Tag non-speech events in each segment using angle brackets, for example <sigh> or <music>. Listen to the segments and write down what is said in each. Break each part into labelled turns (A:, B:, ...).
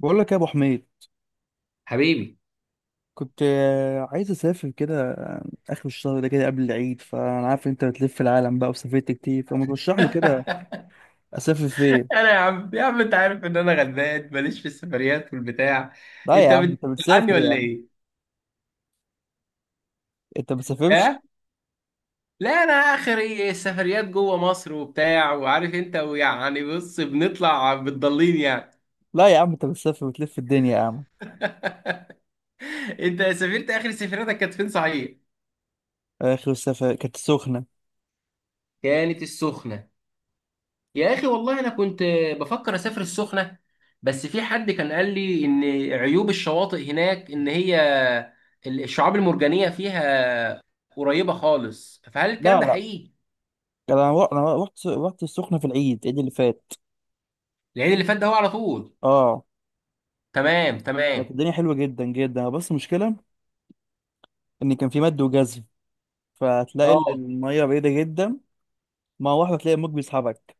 A: بقول لك يا ابو حميد.
B: حبيبي.
A: كنت عايز اسافر كده، اخر الشهر ده كده قبل العيد. فانا عارف انت بتلف العالم بقى وسافرت كتير، فما ترشح لي كده
B: <laughs>
A: اسافر فين.
B: انا يا عم انت عارف ان انا غلبان ماليش في السفريات والبتاع.
A: لا يا
B: انت
A: عم انت
B: بتزعلني
A: بتسافر يا
B: ولا
A: عم.
B: ايه؟
A: انت بتسافرش؟
B: ها؟ لا، انا اخري السفريات جوه مصر وبتاع، وعارف انت، ويعني بص بنطلع بتضلين يعني.
A: لا يا عم انت بتسافر وتلف الدنيا يا عم.
B: <laughs> انت سافرت اخر سفريتك كانت فين صحيح؟
A: اخر السفر كانت السخنه.
B: كانت السخنة. يا أخي، والله أنا كنت بفكر أسافر السخنة، بس في حد كان قال لي إن عيوب الشواطئ هناك إن هي الشعاب المرجانية فيها قريبة خالص، فهل الكلام
A: لا
B: ده
A: لا،
B: حقيقي؟
A: انا انا رحت السخنه في العيد اللي فات.
B: العيد اللي فات ده هو على طول.
A: اه.
B: تمام
A: كانت
B: تمام.
A: الدنيا حلوه جدا جدا، بس المشكله ان كان في مد وجزر، فهتلاقي
B: اه،
A: الميه بعيده جدا. ما واحده تلاقي الموج بيسحبك.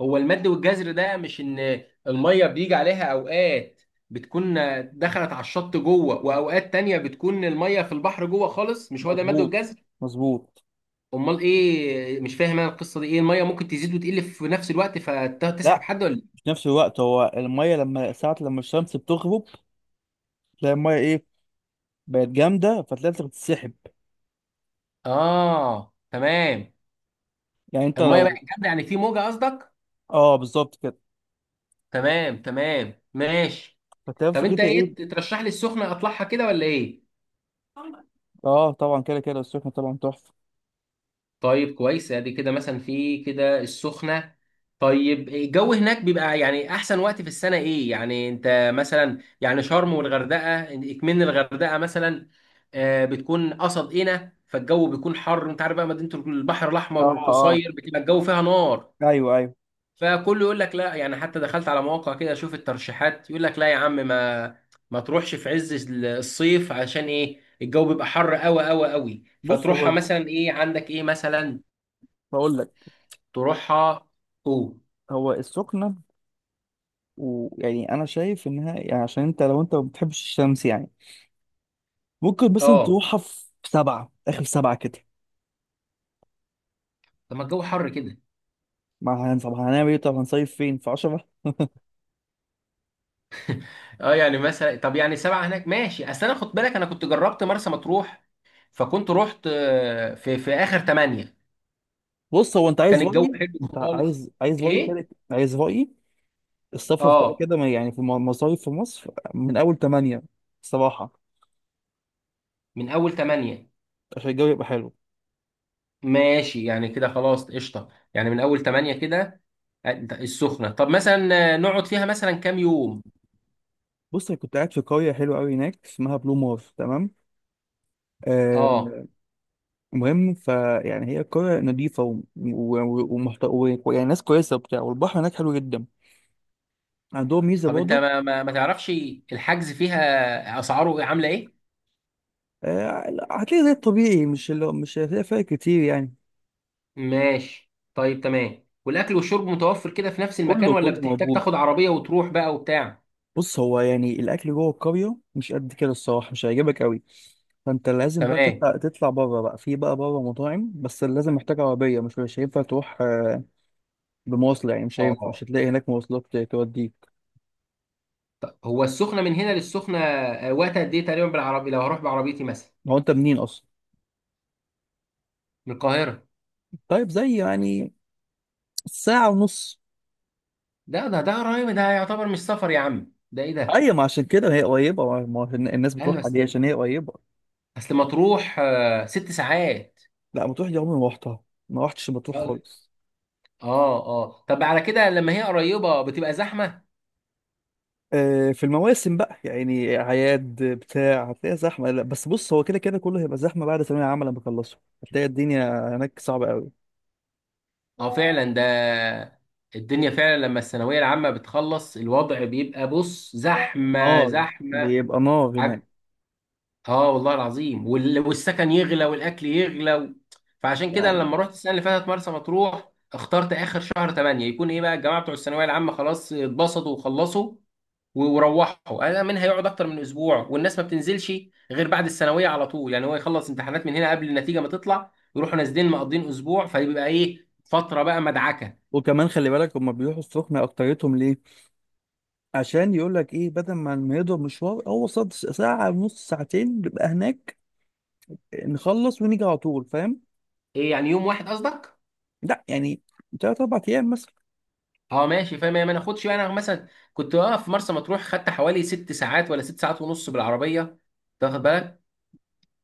B: هو المد والجزر ده مش ان الميه بيجي عليها اوقات بتكون دخلت على الشط جوه، واوقات تانية بتكون الميه في البحر جوه خالص؟ مش هو ده المد
A: مظبوط
B: والجزر؟
A: مظبوط.
B: امال ايه؟ مش فاهم انا القصه دي ايه. الميه ممكن تزيد وتقل في نفس الوقت فتسحب
A: لا،
B: حد ولا إيه؟
A: في نفس الوقت، هو الميه لما الشمس بتغرب تلاقي الميه ايه، بقت جامده، فتلاقي نفسك بتتسحب.
B: اه تمام.
A: يعني انت
B: الميه بقى
A: لو،
B: جامده، يعني في موجه قصدك.
A: اه بالظبط كده.
B: تمام تمام ماشي.
A: فتلاقي
B: طب
A: نفسك
B: انت
A: انت
B: ايه
A: ايه.
B: ترشح لي السخنه اطلعها كده ولا ايه؟
A: اه طبعا، كده كده السخنه طبعا تحفه.
B: طيب كويس. ادي كده مثلا في كده السخنة. طيب الجو هناك بيبقى يعني احسن وقت في السنة ايه؟ يعني انت مثلا يعني شرم والغردقة، اكمن الغردقة مثلا بتكون قصد هنا، فالجو بيكون حر، انت عارف بقى، مدينة البحر
A: اه.
B: الاحمر
A: اه.
B: والقصير بتبقى الجو فيها نار.
A: ايوه ايوه.
B: فكله يقول لك لا، يعني حتى دخلت على مواقع كده اشوف الترشيحات، يقول لك لا يا عم، ما تروحش في عز الصيف عشان ايه؟ الجو بيبقى حر قوي قوي قوي.
A: بص
B: فتروحها
A: هو،
B: مثلا ايه؟ عندك ايه مثلا
A: بقول لك،
B: تروحها؟ اوه.
A: هو السخنه ويعني انا شايف انها يعني، عشان انت لو انت ما بتحبش الشمس يعني، ممكن مثلا
B: اه،
A: تروحها في 7، اخر 7 كده.
B: طب ما الجو حر كده.
A: ما هن- طب هنعمل ايه؟ طب هنصيف فين؟ في 10.
B: اه يعني مثلا، طب يعني سبعة هناك ماشي. اصل انا، خد بالك، انا كنت جربت مرسى مطروح، فكنت رحت في اخر تمانية،
A: بص هو، انت عايز
B: كان الجو
A: رأيي؟
B: حلو
A: انت
B: خالص.
A: عايز رأيي
B: ايه؟
A: كده؟ عايز رأيي، السفر كده
B: اه،
A: كده يعني في المصايف في مصر من أول 8، الصراحة،
B: من اول تمانية.
A: عشان الجو يبقى حلو.
B: ماشي يعني، كده خلاص قشطة، يعني من اول تمانية كده. السخنة، طب مثلا نقعد فيها مثلا كام يوم؟
A: بص أنا كنت قاعد في قرية حلوة أوي هناك اسمها بلو مار، تمام؟
B: اه.
A: آه، المهم فيعني هي قرية نظيفة و يعني ناس كويسة وبتاع، والبحر هناك حلو جدا. عندهم ميزة
B: طب انت
A: برضه.
B: ما تعرفش الحجز فيها اسعاره إيه؟ عاملة ايه؟
A: آه، هتلاقي زي الطبيعي، مش اللي مش هتلاقي فرق كتير يعني.
B: ماشي طيب، تمام. والاكل والشرب متوفر كده في نفس المكان،
A: كله
B: ولا
A: كله
B: بتحتاج
A: موجود.
B: تاخد عربيه وتروح بقى وبتاع؟
A: بص هو يعني الاكل جوه القريه مش قد كده الصراحه، مش هيعجبك قوي. فانت لازم بقى
B: تمام.
A: تطلع بره، بقى في بقى بره مطاعم، بس لازم محتاج عربيه. مش هينفع تروح بمواصله يعني. مش هينفع، مش
B: اه
A: هتلاقي هناك مواصلات توديك.
B: طب، هو السخنه من هنا للسخنه وقت قد ايه تقريبا بالعربيه لو هروح بعربيتي مثلا؟
A: هو انت منين اصلا؟
B: من القاهره.
A: طيب زي يعني ساعه ونص.
B: ده قريب، ده يعتبر مش سفر يا عم، ده ايه ده؟
A: ايوه، ما عشان كده هي قريبه، ما ما هو الناس بتروح
B: ايوه،
A: عليها
B: اصل
A: عشان هي قريبه.
B: اصل مطروح ست ساعات.
A: لا مطروح دي عمري ما رحتها، ما رحتش مطروح خالص.
B: اه اه. طب على كده لما هي قريبه بتبقى زحمه.
A: في المواسم بقى يعني، اعياد بتاع، هتلاقيها زحمه. لا بس بص، هو كده كده كله هيبقى زحمه بعد ثانويه عامه لما يخلصوا. هتلاقي الدنيا هناك صعبه قوي.
B: اه فعلا، ده الدنيا فعلا، لما الثانوية العامة بتخلص الوضع بيبقى، بص، زحمة
A: نار،
B: زحمة.
A: بيبقى نار هناك
B: حاجة. اه والله العظيم، والسكن يغلى والأكل يغلى و... فعشان كده أنا
A: يعني.
B: لما رحت السنة اللي فاتت مرسى مطروح اخترت آخر شهر 8، يكون إيه بقى الجماعة بتوع الثانوية العامة خلاص اتبسطوا وخلصوا وروحوا. أنا من هيقعد أكتر من أسبوع، والناس ما بتنزلش غير بعد الثانوية على طول، يعني هو يخلص امتحانات من هنا قبل النتيجة ما تطلع يروحوا نازلين مقضين أسبوع، فيبقى إيه، فترة بقى مدعكة.
A: وكمان خلي بالك هما بيروحوا السخنه اكتريتهم ليه؟ عشان يقول لك ايه، بدل ما ما يضرب مشوار، هو صد ساعه ونص ساعتين بيبقى هناك. نخلص ونيجي على طول، فاهم؟
B: ايه يعني، يوم واحد قصدك؟
A: لا يعني 3 4 ايام مثلا.
B: اه ماشي فاهم. يعني ما ناخدش، يعني أنا مثلا كنت واقف في مرسى مطروح خدت حوالي ست ساعات ولا ست ساعات ونص بالعربيه، تاخد بالك.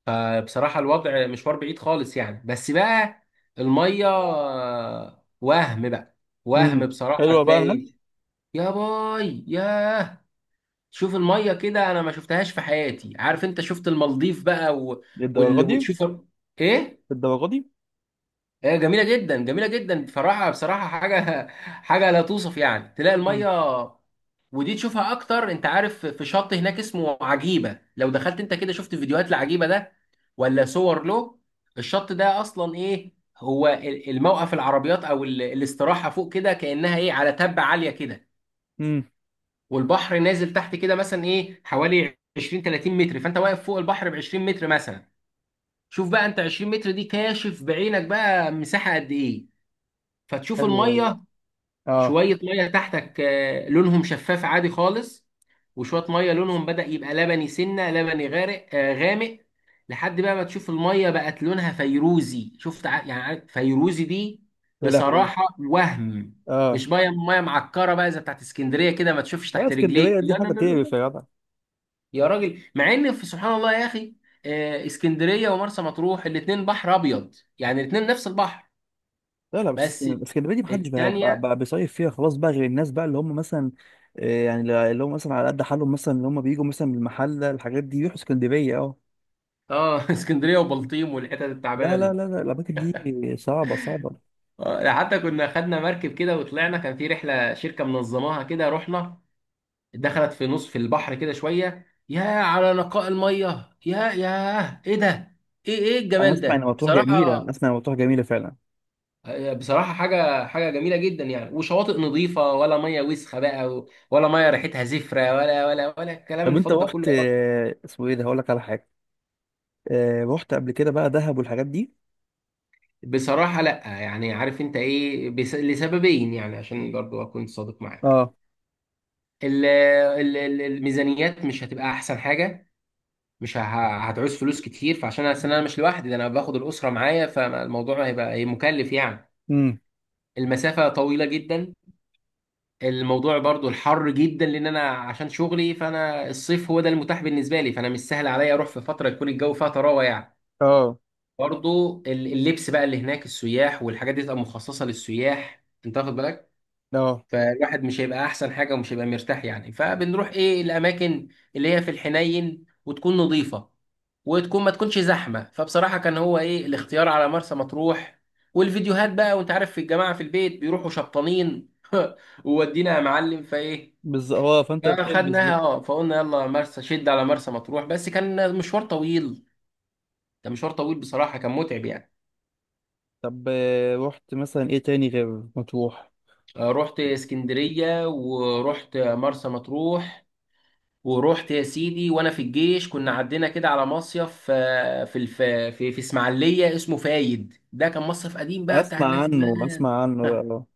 B: فبصراحه الوضع مشوار بعيد خالص يعني، بس بقى الميه وهم بقى، وهم
A: امم،
B: بصراحه
A: حلوه بقى هناك.
B: تلاقي. يا باي، ياه، شوف الميه كده، انا ما شفتهاش في حياتي. عارف انت، شفت المالديف بقى و...
A: للدرجه
B: وال...
A: دي؟
B: وتشوف ايه.
A: للدرجه دي.
B: هي جميله جدا جميله جدا بصراحه، بصراحه حاجه، حاجه لا توصف يعني. تلاقي
A: امم.
B: الميه، ودي تشوفها اكتر، انت عارف في شط هناك اسمه عجيبه، لو دخلت انت كده شفت فيديوهات لعجيبه ده ولا صور له. الشط ده اصلا ايه هو الموقف العربيات او الاستراحه فوق كده كانها ايه على تبه عاليه كده،
A: امم.
B: والبحر نازل تحت كده مثلا ايه حوالي 20 30 متر، فانت واقف فوق البحر ب 20 متر مثلا. شوف بقى انت 20 متر دي كاشف بعينك بقى مساحه قد ايه. فتشوف
A: حلوه والله.
B: الميه،
A: اه.
B: شويه ميه تحتك لونهم شفاف عادي خالص، وشويه ميه لونهم بدأ يبقى لبني، سنه لبني غارق غامق، لحد بقى ما تشوف الميه بقت لونها فيروزي. شفت يعني عارف فيروزي دي.
A: يا لهوي.
B: بصراحه وهم.
A: اه.
B: مش ميه، ميه معكره بقى زي بتاعت اسكندريه كده ما تشوفش
A: لا
B: تحت رجليك،
A: اسكندريه دي
B: لا لا
A: حاجه
B: لا لا
A: تقرف
B: لا.
A: يا جدع.
B: يا راجل، مع ان في سبحان الله يا اخي اسكندريه ومرسى مطروح الاتنين بحر ابيض، يعني الاتنين نفس البحر،
A: لا لا بس،
B: بس
A: اسكندريه دي محدش بقى, بقى,
B: التانية.
A: بقى بيصيف فيها خلاص بقى، غير الناس بقى اللي هم مثلا، يعني اللي هم مثلا على قد حالهم، مثلا اللي هم بيجوا مثلا من المحله، الحاجات دي يروحوا اسكندريه. اه.
B: اه <laughs> اسكندريه وبلطيم والحتت التعبانه
A: لا لا
B: دي
A: لا لا، الاماكن دي صعبه صعبه.
B: حتى كنا خدنا مركب كده وطلعنا، كان في رحله شركه منظماها كده، رحنا دخلت في نص في البحر كده شويه، يا على نقاء الميه، يا يا ايه ده، ايه ايه
A: انا
B: الجمال
A: اسمع ان
B: ده
A: مطروح جميله،
B: بصراحه.
A: انا اسمع ان مطروح جميله فعلا.
B: بصراحه حاجه، حاجه جميله جدا يعني، وشواطئ نظيفه، ولا ميه وسخه بقى، ولا ميه ريحتها زفره، ولا ولا ولا الكلام
A: طب انت
B: الفض ده كله
A: رحت
B: يا راجل.
A: اسمه ايه ده، هقول لك على حاجه، رحت قبل كده بقى دهب والحاجات دي؟
B: بصراحه لا، يعني عارف انت ايه لسببين، يعني عشان برضو اكون صادق معاك،
A: اه.
B: الميزانيات مش هتبقى احسن حاجه، مش ه- هتعوز فلوس كتير. فعشان أصل انا مش لوحدي، ده انا باخد الاسره معايا، فالموضوع هيبقى هي مكلف يعني.
A: امم.
B: المسافه طويله جدا. الموضوع برضو الحر جدا، لان انا عشان شغلي فانا الصيف هو ده المتاح بالنسبه لي، فانا مش سهل عليا اروح في فتره يكون الجو فيها طراوه يعني.
A: اه.
B: برضو اللبس بقى اللي هناك، السياح والحاجات دي تبقى مخصصه للسياح، انت واخد بالك،
A: اه
B: فالواحد مش هيبقى احسن حاجه ومش هيبقى مرتاح يعني. فبنروح ايه الاماكن اللي هي في الحنين وتكون نظيفه، وتكون ما تكونش زحمه. فبصراحه كان هو ايه الاختيار على مرسى مطروح، والفيديوهات بقى، وانت عارف في الجماعه في البيت بيروحوا شبطانين <laughs> وودينا يا معلم، فايه
A: بالظبط هو، فانت بتلبس
B: فاخدناها
A: بقى.
B: اه، فقلنا يلا مرسى، شد على مرسى مطروح. بس كان مشوار طويل، كان مشوار طويل بصراحه، كان متعب يعني.
A: طب رحت مثلا ايه تاني غير مطروح؟
B: رحت اسكندريه ورحت مرسى مطروح، ورحت يا سيدي وانا في الجيش كنا عدينا كده على مصيف في الف... في اسماعيليه اسمه فايد، ده كان مصيف قديم بقى بتاع
A: اسمع
B: الناس
A: عنه،
B: زمان.
A: اسمع عنه ده، اه.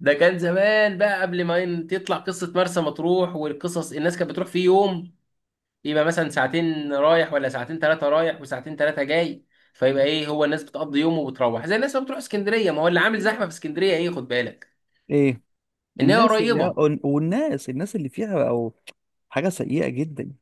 B: ده كان زمان بقى قبل ما تطلع قصه مرسى مطروح والقصص، الناس كانت بتروح فيه يوم، يبقى مثلا ساعتين رايح ولا ساعتين ثلاثه رايح، وساعتين ثلاثه جاي، فيبقى ايه، هو الناس بتقضي يوم وبتروح زي الناس ما بتروح اسكندريه. ما هو اللي عامل زحمه في اسكندريه ايه، خد بالك،
A: ايه
B: ان هي
A: الناس اللي هي،
B: قريبه.
A: والناس الناس اللي فيها، او حاجه سيئه جدا.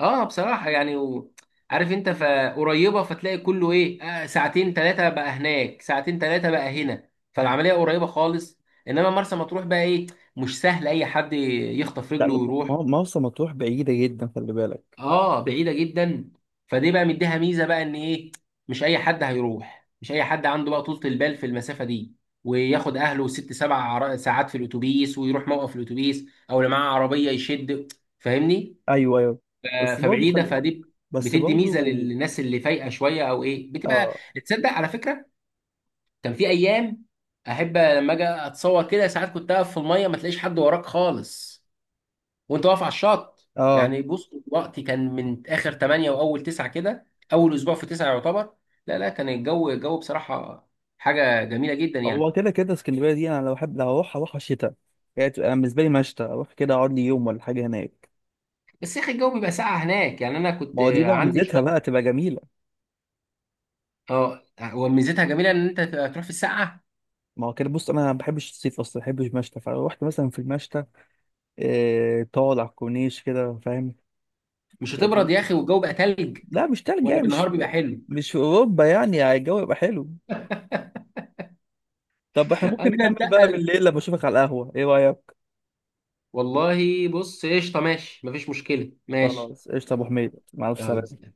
B: اه بصراحة يعني و... عارف انت، فقريبة، فتلاقي كله ايه آه ساعتين ثلاثة بقى هناك، ساعتين ثلاثة بقى هنا، فالعملية قريبة خالص. انما مرسى مطروح بقى ايه، مش سهل اي حد يخطف
A: لا
B: رجله
A: لا، ما
B: ويروح.
A: هو ما هو مرسى مطروح بعيده جدا خلي بالك.
B: اه بعيدة جدا. فدي بقى مديها ميزة بقى ان ايه، مش اي حد هيروح، مش اي حد عنده بقى طولة البال في المسافة دي، وياخد اهله ست سبع ساعات في الاتوبيس ويروح موقف الاتوبيس، او اللي معاه عربية يشد، فاهمني؟
A: ايوه ايوه. بس برضه
B: فبعيده،
A: خلي،
B: فدي
A: بس
B: بتدي ميزه
A: برضه.
B: للناس اللي فايقه شويه او ايه بتبقى.
A: اه.
B: تصدق على فكره، كان في ايام احب لما اجي اتصور كده ساعات كنت اقف في الميه ما تلاقيش حد وراك خالص وانت واقف على الشط
A: اه.
B: يعني. بص، وقتي كان من اخر 8 واول 9 كده، اول اسبوع في 9 يعتبر. لا لا، كان الجو، الجو بصراحه حاجه جميله جدا
A: هو
B: يعني.
A: كده كده اسكندريه دي انا لو احب لو هروح هروح شتاء. يعني تبقى أنا بالنسبه لي مشتى، اروح كده اقعد لي يوم ولا حاجه هناك.
B: بس يا اخي الجو بيبقى ساقع هناك، يعني انا
A: ما
B: كنت
A: هو دي بقى
B: عندي
A: ميزتها
B: شويه.
A: بقى، تبقى جميله.
B: اه، وميزتها جميله ان انت تروح في الساقعه.
A: ما هو كده بص، انا ما بحبش الصيف اصلا، ما بحبش، مشتى، فروحت مثلا في المشتى، تقعد على الكورنيش كده فاهم.
B: مش هتبرد يا اخي والجو بقى تلج؟
A: لا مش تلج
B: ولا
A: يعني،
B: بالنهار
A: مش
B: بيبقى حلو.
A: مش في اوروبا يعني، يعني الجو يبقى حلو. طب احنا
B: <laughs>
A: ممكن
B: قبل
A: نكمل بقى
B: انتقل.
A: بالليل لما اشوفك على القهوة، ايه رأيك؟
B: والله بص قشطه ماشي، مفيش مشكله ماشي.
A: خلاص قشطة يا ابو حميد، مع الف
B: يلا
A: سلامة.
B: سلام.